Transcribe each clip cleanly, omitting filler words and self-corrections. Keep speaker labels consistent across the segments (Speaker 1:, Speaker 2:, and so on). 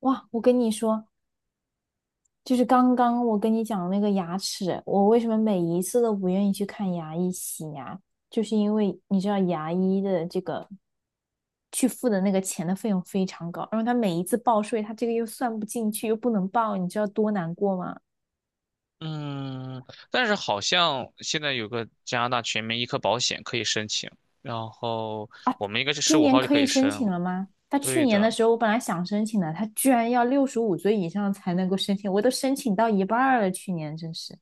Speaker 1: 哇，我跟你说，就是刚刚我跟你讲的那个牙齿，我为什么每一次都不愿意去看牙医洗牙，就是因为你知道牙医的这个去付的那个钱的费用非常高，然后他每一次报税，他这个又算不进去，又不能报，你知道多难过吗？
Speaker 2: 嗯，但是好像现在有个加拿大全民医科保险可以申请，然后我们应该是十
Speaker 1: 今
Speaker 2: 五
Speaker 1: 年
Speaker 2: 号就
Speaker 1: 可
Speaker 2: 可以
Speaker 1: 以申
Speaker 2: 申
Speaker 1: 请了
Speaker 2: 了。
Speaker 1: 吗？他去
Speaker 2: 对
Speaker 1: 年
Speaker 2: 的，
Speaker 1: 的时候，我本来想申请的，他居然要65岁以上才能够申请，我都申请到一半儿了，去年真是。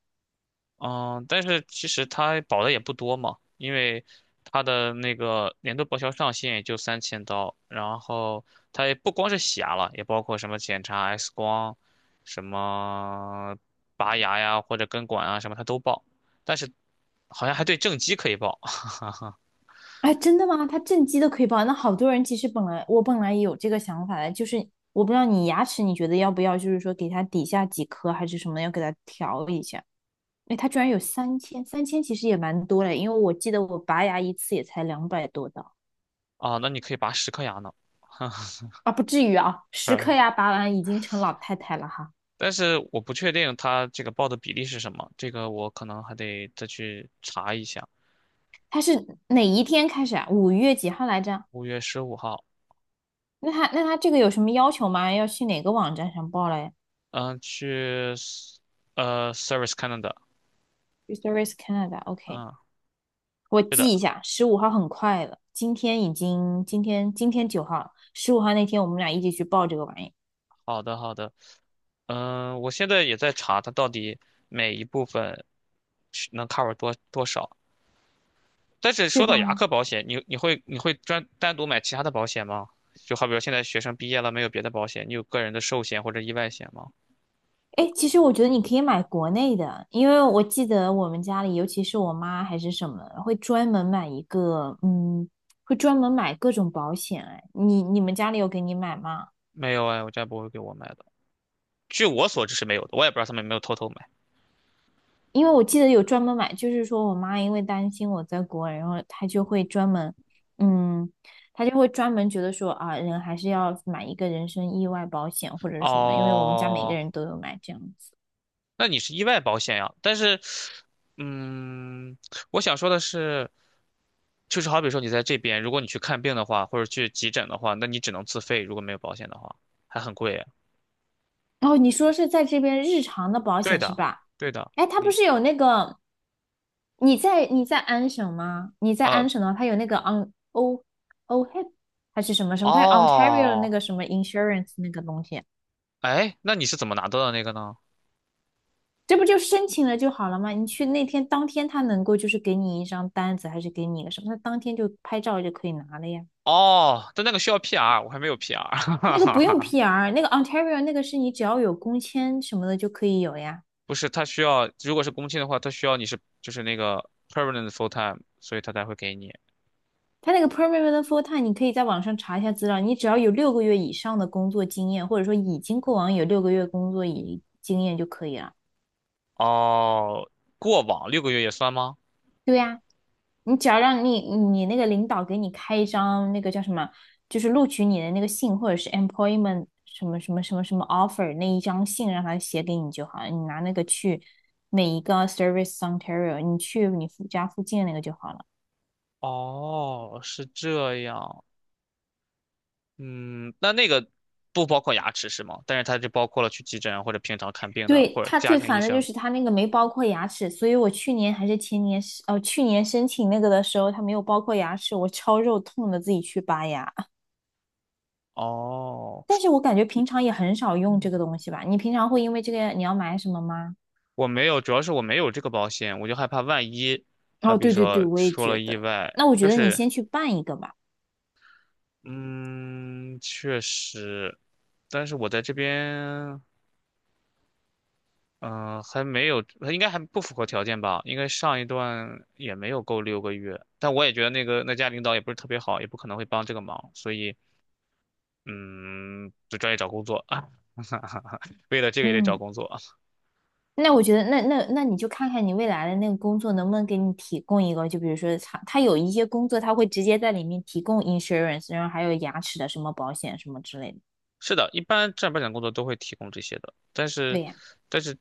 Speaker 2: 嗯，但是其实它保的也不多嘛，因为它的那个年度报销上限也就3000刀，然后它也不光是洗牙了，也包括什么检查 X 光、什么拔牙呀或者根管啊什么它都报，但是好像还对正畸可以报。
Speaker 1: 哎，真的吗？它正畸都可以报，那好多人其实我本来也有这个想法的，就是我不知道你牙齿你觉得要不要，就是说给它底下几颗还是什么，要给它调一下。哎，它居然有三千，三千其实也蛮多的，因为我记得我拔牙一次也才200多刀
Speaker 2: 啊，那你可以拔10颗牙呢。
Speaker 1: 啊，不至于啊，十颗 牙拔完已经成老太太了哈。
Speaker 2: 但是我不确定他这个报的比例是什么，这个我可能还得再去查一下。
Speaker 1: 它是哪一天开始啊？5月几号来着？
Speaker 2: 5月15号，
Speaker 1: 那它这个有什么要求吗？要去哪个网站上报嘞
Speaker 2: 嗯，去 Service Canada，
Speaker 1: Restorce Canada，OK，、
Speaker 2: 嗯，
Speaker 1: 我
Speaker 2: 是的，
Speaker 1: 记一下，十五号很快了，今天已经今天今天9号了，十五号那天我们俩一起去报这个玩意，
Speaker 2: 好的好的，嗯，我现在也在查它到底每一部分是能 cover 多少。但是
Speaker 1: 对
Speaker 2: 说到牙
Speaker 1: 吧？
Speaker 2: 科保险，你会专单独买其他的保险吗？就好比说现在学生毕业了，没有别的保险，你有个人的寿险或者意外险吗？
Speaker 1: 哎，其实我觉得你可以买国内的，因为我记得我们家里，尤其是我妈还是什么，会专门买一个，会专门买各种保险。哎，你们家里有给你买吗？
Speaker 2: 没有哎，我家不会给我买的。据我所知是没有的，我也不知道他们有没有偷偷买。
Speaker 1: 因为我记得有专门买，就是说我妈因为担心我在国外，然后嗯，她就会专门觉得说啊，人还是要买一个人身意外保险或者是什么，因为我们家每个
Speaker 2: 哦，
Speaker 1: 人都有买这样子。
Speaker 2: 那你是意外保险呀？但是，嗯，我想说的是，就是好比说你在这边，如果你去看病的话，或者去急诊的话，那你只能自费，如果没有保险的话，还很贵。
Speaker 1: 哦，你说是在这边日常的保
Speaker 2: 对
Speaker 1: 险是
Speaker 2: 的，
Speaker 1: 吧？
Speaker 2: 对的，
Speaker 1: 哎，它不是有那个，你在安省吗？你在
Speaker 2: 呃，
Speaker 1: 安省的话，它有那个 on O OHIP 还是什么什么，它有 Ontario 那
Speaker 2: 哦，
Speaker 1: 个什么 insurance 那个东西。
Speaker 2: 哎，那你是怎么拿到的那个呢？
Speaker 1: 这不就申请了就好了吗？你去那天当天，他能够就是给你一张单子，还是给你一个什么？他当天就拍照就可以拿了呀。
Speaker 2: 哦，但那个需要 PR,我还没有
Speaker 1: 那个不用
Speaker 2: PR。
Speaker 1: PR，那个 Ontario 那个是你只要有工签什么的就可以有呀。
Speaker 2: 不是，他需要，如果是工签的话，他需要你是就是那个 permanent full time,所以他才会给你。
Speaker 1: 他那个 Permanent Full Time，你可以在网上查一下资料，你只要有六个月以上的工作经验，或者说已经过往有六个月工作以经验就可以了。
Speaker 2: 哦，过往六个月也算吗？
Speaker 1: 对呀。你只要让你那个领导给你开一张那个叫什么，就是录取你的那个信，或者是 employment 什么什么什么什么 offer 那一张信，让他写给你就好了。你拿那个去每一个 Service Ontario，你去你附家附近的那个就好了。
Speaker 2: 哦，是这样。嗯，那个不包括牙齿是吗？但是它就包括了去急诊或者平常看病的
Speaker 1: 对，
Speaker 2: 或者
Speaker 1: 他
Speaker 2: 家
Speaker 1: 最
Speaker 2: 庭医
Speaker 1: 烦的就
Speaker 2: 生。
Speaker 1: 是他那个没包括牙齿，所以我去年还是前年是，去年申请那个的时候，他没有包括牙齿，我超肉痛的自己去拔牙。
Speaker 2: 哦，
Speaker 1: 但是我感觉平常也很少用这个东西吧？你平常会因为这个你要买什么吗？
Speaker 2: 我没有，主要是我没有这个保险，我就害怕万一，好
Speaker 1: 哦，
Speaker 2: 比
Speaker 1: 对对对，
Speaker 2: 说
Speaker 1: 我也
Speaker 2: 出了
Speaker 1: 觉
Speaker 2: 意
Speaker 1: 得。
Speaker 2: 外，
Speaker 1: 那我
Speaker 2: 就
Speaker 1: 觉得你
Speaker 2: 是
Speaker 1: 先去办一个吧。
Speaker 2: 嗯，确实，但是我在这边。还没有，他应该还不符合条件吧？应该上一段也没有够六个月，但我也觉得那个那家领导也不是特别好，也不可能会帮这个忙，所以嗯，就专业找工作啊。为了这个也得找
Speaker 1: 嗯，
Speaker 2: 工作。啊。
Speaker 1: 那我觉得，那你就看看你未来的那个工作能不能给你提供一个，就比如说他有一些工作他会直接在里面提供 insurance，然后还有牙齿的什么保险什么之类的。
Speaker 2: 是的，一般正儿八经工作都会提供这些的，但是
Speaker 1: 对呀。
Speaker 2: 但是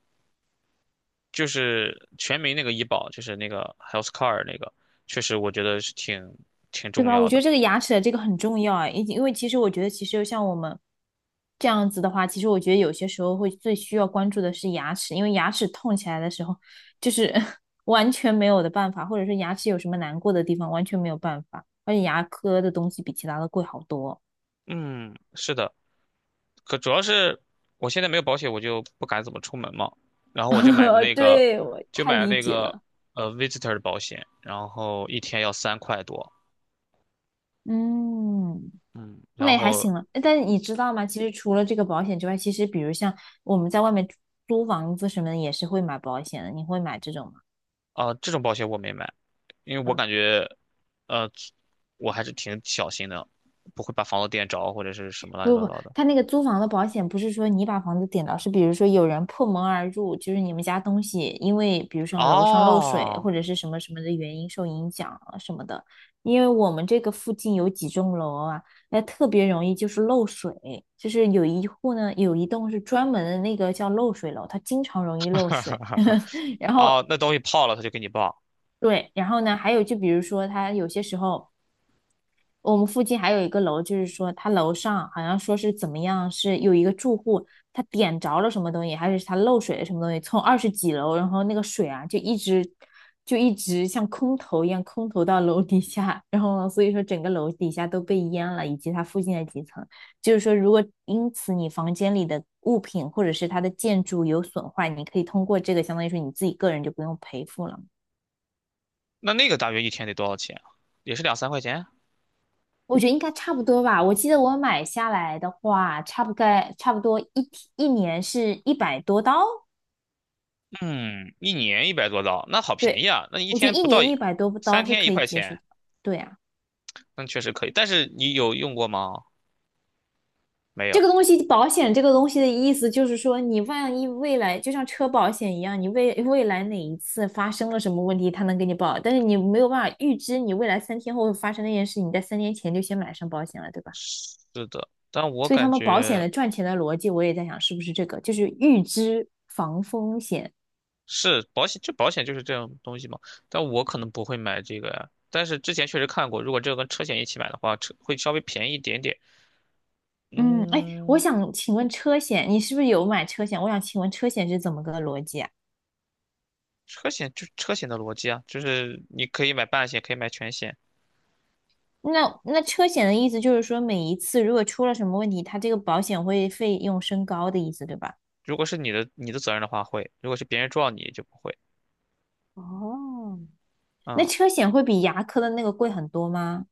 Speaker 2: 就是全民那个医保，就是那个 healthcare 那个，确实我觉得是挺
Speaker 1: 对
Speaker 2: 重
Speaker 1: 吧？我
Speaker 2: 要
Speaker 1: 觉得
Speaker 2: 的。
Speaker 1: 这个牙齿的这个很重要啊，因为其实我觉得，其实像我们这样子的话，其实我觉得有些时候会最需要关注的是牙齿，因为牙齿痛起来的时候，就是 完全没有的办法，或者是牙齿有什么难过的地方，完全没有办法。而且牙科的东西比其他的贵好多。
Speaker 2: 嗯，是的。可主要是我现在没有保险，我就不敢怎么出门嘛。然后我就买的 那个，
Speaker 1: 对，我
Speaker 2: 就
Speaker 1: 太
Speaker 2: 买了
Speaker 1: 理
Speaker 2: 那
Speaker 1: 解
Speaker 2: 个
Speaker 1: 了。
Speaker 2: visitor 的保险，然后一天要3块多。
Speaker 1: 嗯，
Speaker 2: 嗯，
Speaker 1: 那
Speaker 2: 然
Speaker 1: 也还
Speaker 2: 后
Speaker 1: 行了。但是你知道吗？其实除了这个保险之外，其实比如像我们在外面租房子什么的，也是会买保险的。你会买这种吗？
Speaker 2: 啊、这种保险我没买，因为我感觉呃我还是挺小心的，不会把房子电着或者是什么乱七
Speaker 1: 不
Speaker 2: 八
Speaker 1: 不，不，
Speaker 2: 糟的。
Speaker 1: 他那个租房的保险不是说你把房子点到，是比如说有人破门而入，就是你们家东西因为比如说楼上漏水
Speaker 2: 哦。
Speaker 1: 或者是什么什么的原因受影响了什么的。因为我们这个附近有几栋楼啊，那特别容易就是漏水，有一栋是专门的那个叫漏水楼，它经常容易漏水。然后
Speaker 2: 哦，那东西泡了他就给你报，
Speaker 1: 对，然后呢，还有就比如说它有些时候。我们附近还有一个楼，就是说他楼上好像说是怎么样，是有一个住户他点着了什么东西，还是他漏水了什么东西，从20几楼，然后那个水啊就一直像空投一样空投到楼底下，然后呢所以说整个楼底下都被淹了，以及它附近的几层。就是说，如果因此你房间里的物品或者是它的建筑有损坏，你可以通过这个相当于说你自己个人就不用赔付了。
Speaker 2: 那个大约一天得多少钱啊？也是两三块钱啊？
Speaker 1: 我觉得应该差不多吧。我记得我买下来的话，差不多一年是一百多刀。
Speaker 2: 嗯，一年100多刀，那好便
Speaker 1: 对，
Speaker 2: 宜啊！那你一
Speaker 1: 我觉得
Speaker 2: 天
Speaker 1: 一
Speaker 2: 不到
Speaker 1: 年
Speaker 2: 一，
Speaker 1: 一百多
Speaker 2: 三
Speaker 1: 刀是
Speaker 2: 天一
Speaker 1: 可以
Speaker 2: 块
Speaker 1: 接受
Speaker 2: 钱，
Speaker 1: 的。对啊，
Speaker 2: 那确实可以。但是你有用过吗？没
Speaker 1: 这
Speaker 2: 有。
Speaker 1: 个东西保险这个东西的意思就是说，你万一未来就像车保险一样，你未来哪一次发生了什么问题，它能给你保，但是你没有办法预知你未来3天后会发生那件事，你在3年前就先买上保险了，对吧？
Speaker 2: 是的，但我
Speaker 1: 所以他
Speaker 2: 感
Speaker 1: 们保险
Speaker 2: 觉
Speaker 1: 的赚钱的逻辑，我也在想是不是这个，就是预知防风险。
Speaker 2: 是保险，就保险就是这种东西嘛。但我可能不会买这个呀。但是之前确实看过，如果这个跟车险一起买的话，车会稍微便宜一点点。
Speaker 1: 嗯，哎，我
Speaker 2: 嗯，
Speaker 1: 想请问车险，你是不是有买车险？我想请问车险是怎么个逻辑啊？
Speaker 2: 车险就是车险的逻辑啊，就是你可以买半险，可以买全险。
Speaker 1: 那车险的意思就是说，每一次如果出了什么问题，它这个保险会费用升高的意思，对吧？
Speaker 2: 如果是你的责任的话会，如果是别人撞你就不会。
Speaker 1: 哦，那
Speaker 2: 嗯，
Speaker 1: 车险会比牙科的那个贵很多吗？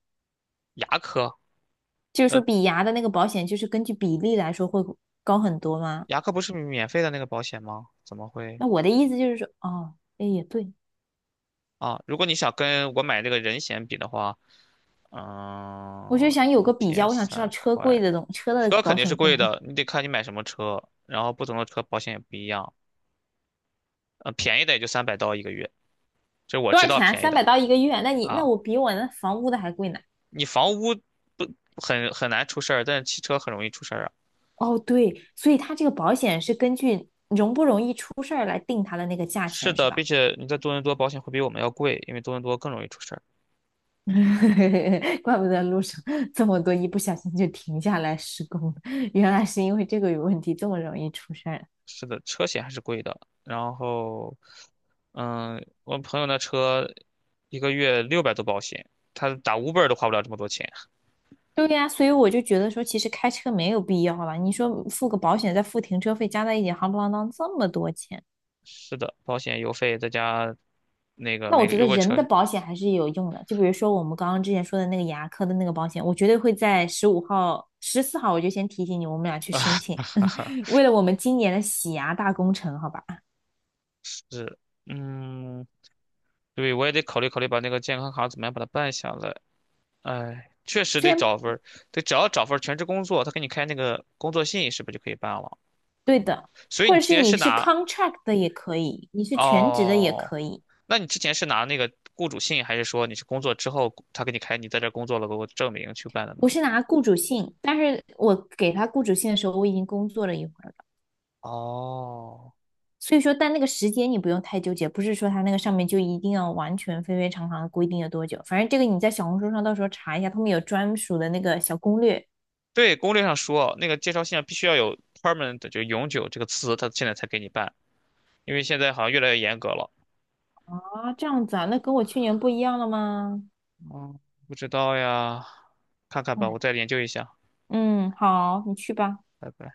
Speaker 2: 牙科。
Speaker 1: 就是说，
Speaker 2: 呃
Speaker 1: 比牙的那个保险，就是根据比例来说会高很多吗？
Speaker 2: 牙科不是免费的那个保险吗？怎么会
Speaker 1: 那我的意思就是说，哦，哎，也对，
Speaker 2: 啊？如果你想跟我买那个人险比的话，
Speaker 1: 我就
Speaker 2: 嗯，
Speaker 1: 想有
Speaker 2: 一
Speaker 1: 个比较，
Speaker 2: 天
Speaker 1: 我想知道
Speaker 2: 三
Speaker 1: 车贵
Speaker 2: 块，
Speaker 1: 的东，车的
Speaker 2: 车
Speaker 1: 保
Speaker 2: 肯定
Speaker 1: 险
Speaker 2: 是
Speaker 1: 贵
Speaker 2: 贵 的，你得看你买什么车，然后不同的车保险也不一样。便宜的也就300刀一个月，这是我
Speaker 1: 多
Speaker 2: 知
Speaker 1: 少
Speaker 2: 道
Speaker 1: 钱啊？
Speaker 2: 便宜
Speaker 1: 三百
Speaker 2: 的
Speaker 1: 刀一个月，那你那
Speaker 2: 啊。
Speaker 1: 我比我那房屋的还贵呢。
Speaker 2: 你房屋不很难出事儿，但是汽车很容易出事儿啊。
Speaker 1: 哦，对，所以它这个保险是根据容不容易出事儿来定它的那个价
Speaker 2: 是
Speaker 1: 钱，是
Speaker 2: 的，并
Speaker 1: 吧？
Speaker 2: 且你在多伦多保险会比我们要贵，因为多伦多更容易出事儿。
Speaker 1: 怪不得路上这么多一不小心就停下来施工了原来是因为这个有问题，这么容易出事儿。
Speaker 2: 是的，车险还是贵的。然后，嗯，我朋友那车一个月600多保险，他打五 b 都花不了这么多钱。
Speaker 1: 对呀，所以我就觉得说，其实开车没有必要了。你说付个保险，再付停车费，加在一起，夯不啷当这么多钱。
Speaker 2: 是的，保险、油费再加那个
Speaker 1: 那
Speaker 2: 每
Speaker 1: 我
Speaker 2: 个
Speaker 1: 觉得
Speaker 2: 如果
Speaker 1: 人
Speaker 2: 车。
Speaker 1: 的保险还是有用的，就比如说我们刚刚之前说的那个牙科的那个保险，我绝对会在十五号、14号我就先提醒你，我们俩 去
Speaker 2: 啊，
Speaker 1: 申请，
Speaker 2: 哈哈，
Speaker 1: 为了我们今年的洗牙大工程，好吧？
Speaker 2: 是，嗯，对，我也得考虑考虑把那个健康卡怎么样把它办下来。哎，确实
Speaker 1: 虽
Speaker 2: 得
Speaker 1: 然
Speaker 2: 找份得只要找份儿全职工作，他给你开那个工作信，是不是就可以办了？
Speaker 1: 对的，
Speaker 2: 所以
Speaker 1: 或
Speaker 2: 你
Speaker 1: 者
Speaker 2: 之
Speaker 1: 是
Speaker 2: 前
Speaker 1: 你
Speaker 2: 是
Speaker 1: 是
Speaker 2: 拿。
Speaker 1: contract 的也可以，你是全职的也
Speaker 2: 哦。
Speaker 1: 可以，
Speaker 2: 那你之前是拿那个雇主信，还是说你是工作之后他给你开，你在这儿工作了，给我证明去办的呢？
Speaker 1: 我是拿雇主信，但是我给他雇主信的时候，我已经工作了一会儿了。
Speaker 2: 哦，
Speaker 1: 所以说，但那个时间你不用太纠结，不是说它那个上面就一定要完全非常地规定了多久，反正这个你在小红书上到时候查一下，他们有专属的那个小攻略
Speaker 2: 对，攻略上说，那个介绍信上必须要有 permanent,就永久这个词，他现在才给你办，因为现在好像越来越严格了。
Speaker 1: 啊，这样子啊，那跟我去年不一样了吗？
Speaker 2: 嗯，不知道呀，看看
Speaker 1: 哎，
Speaker 2: 吧，我再研究一下。
Speaker 1: 嗯，好，你去吧。
Speaker 2: 拜拜。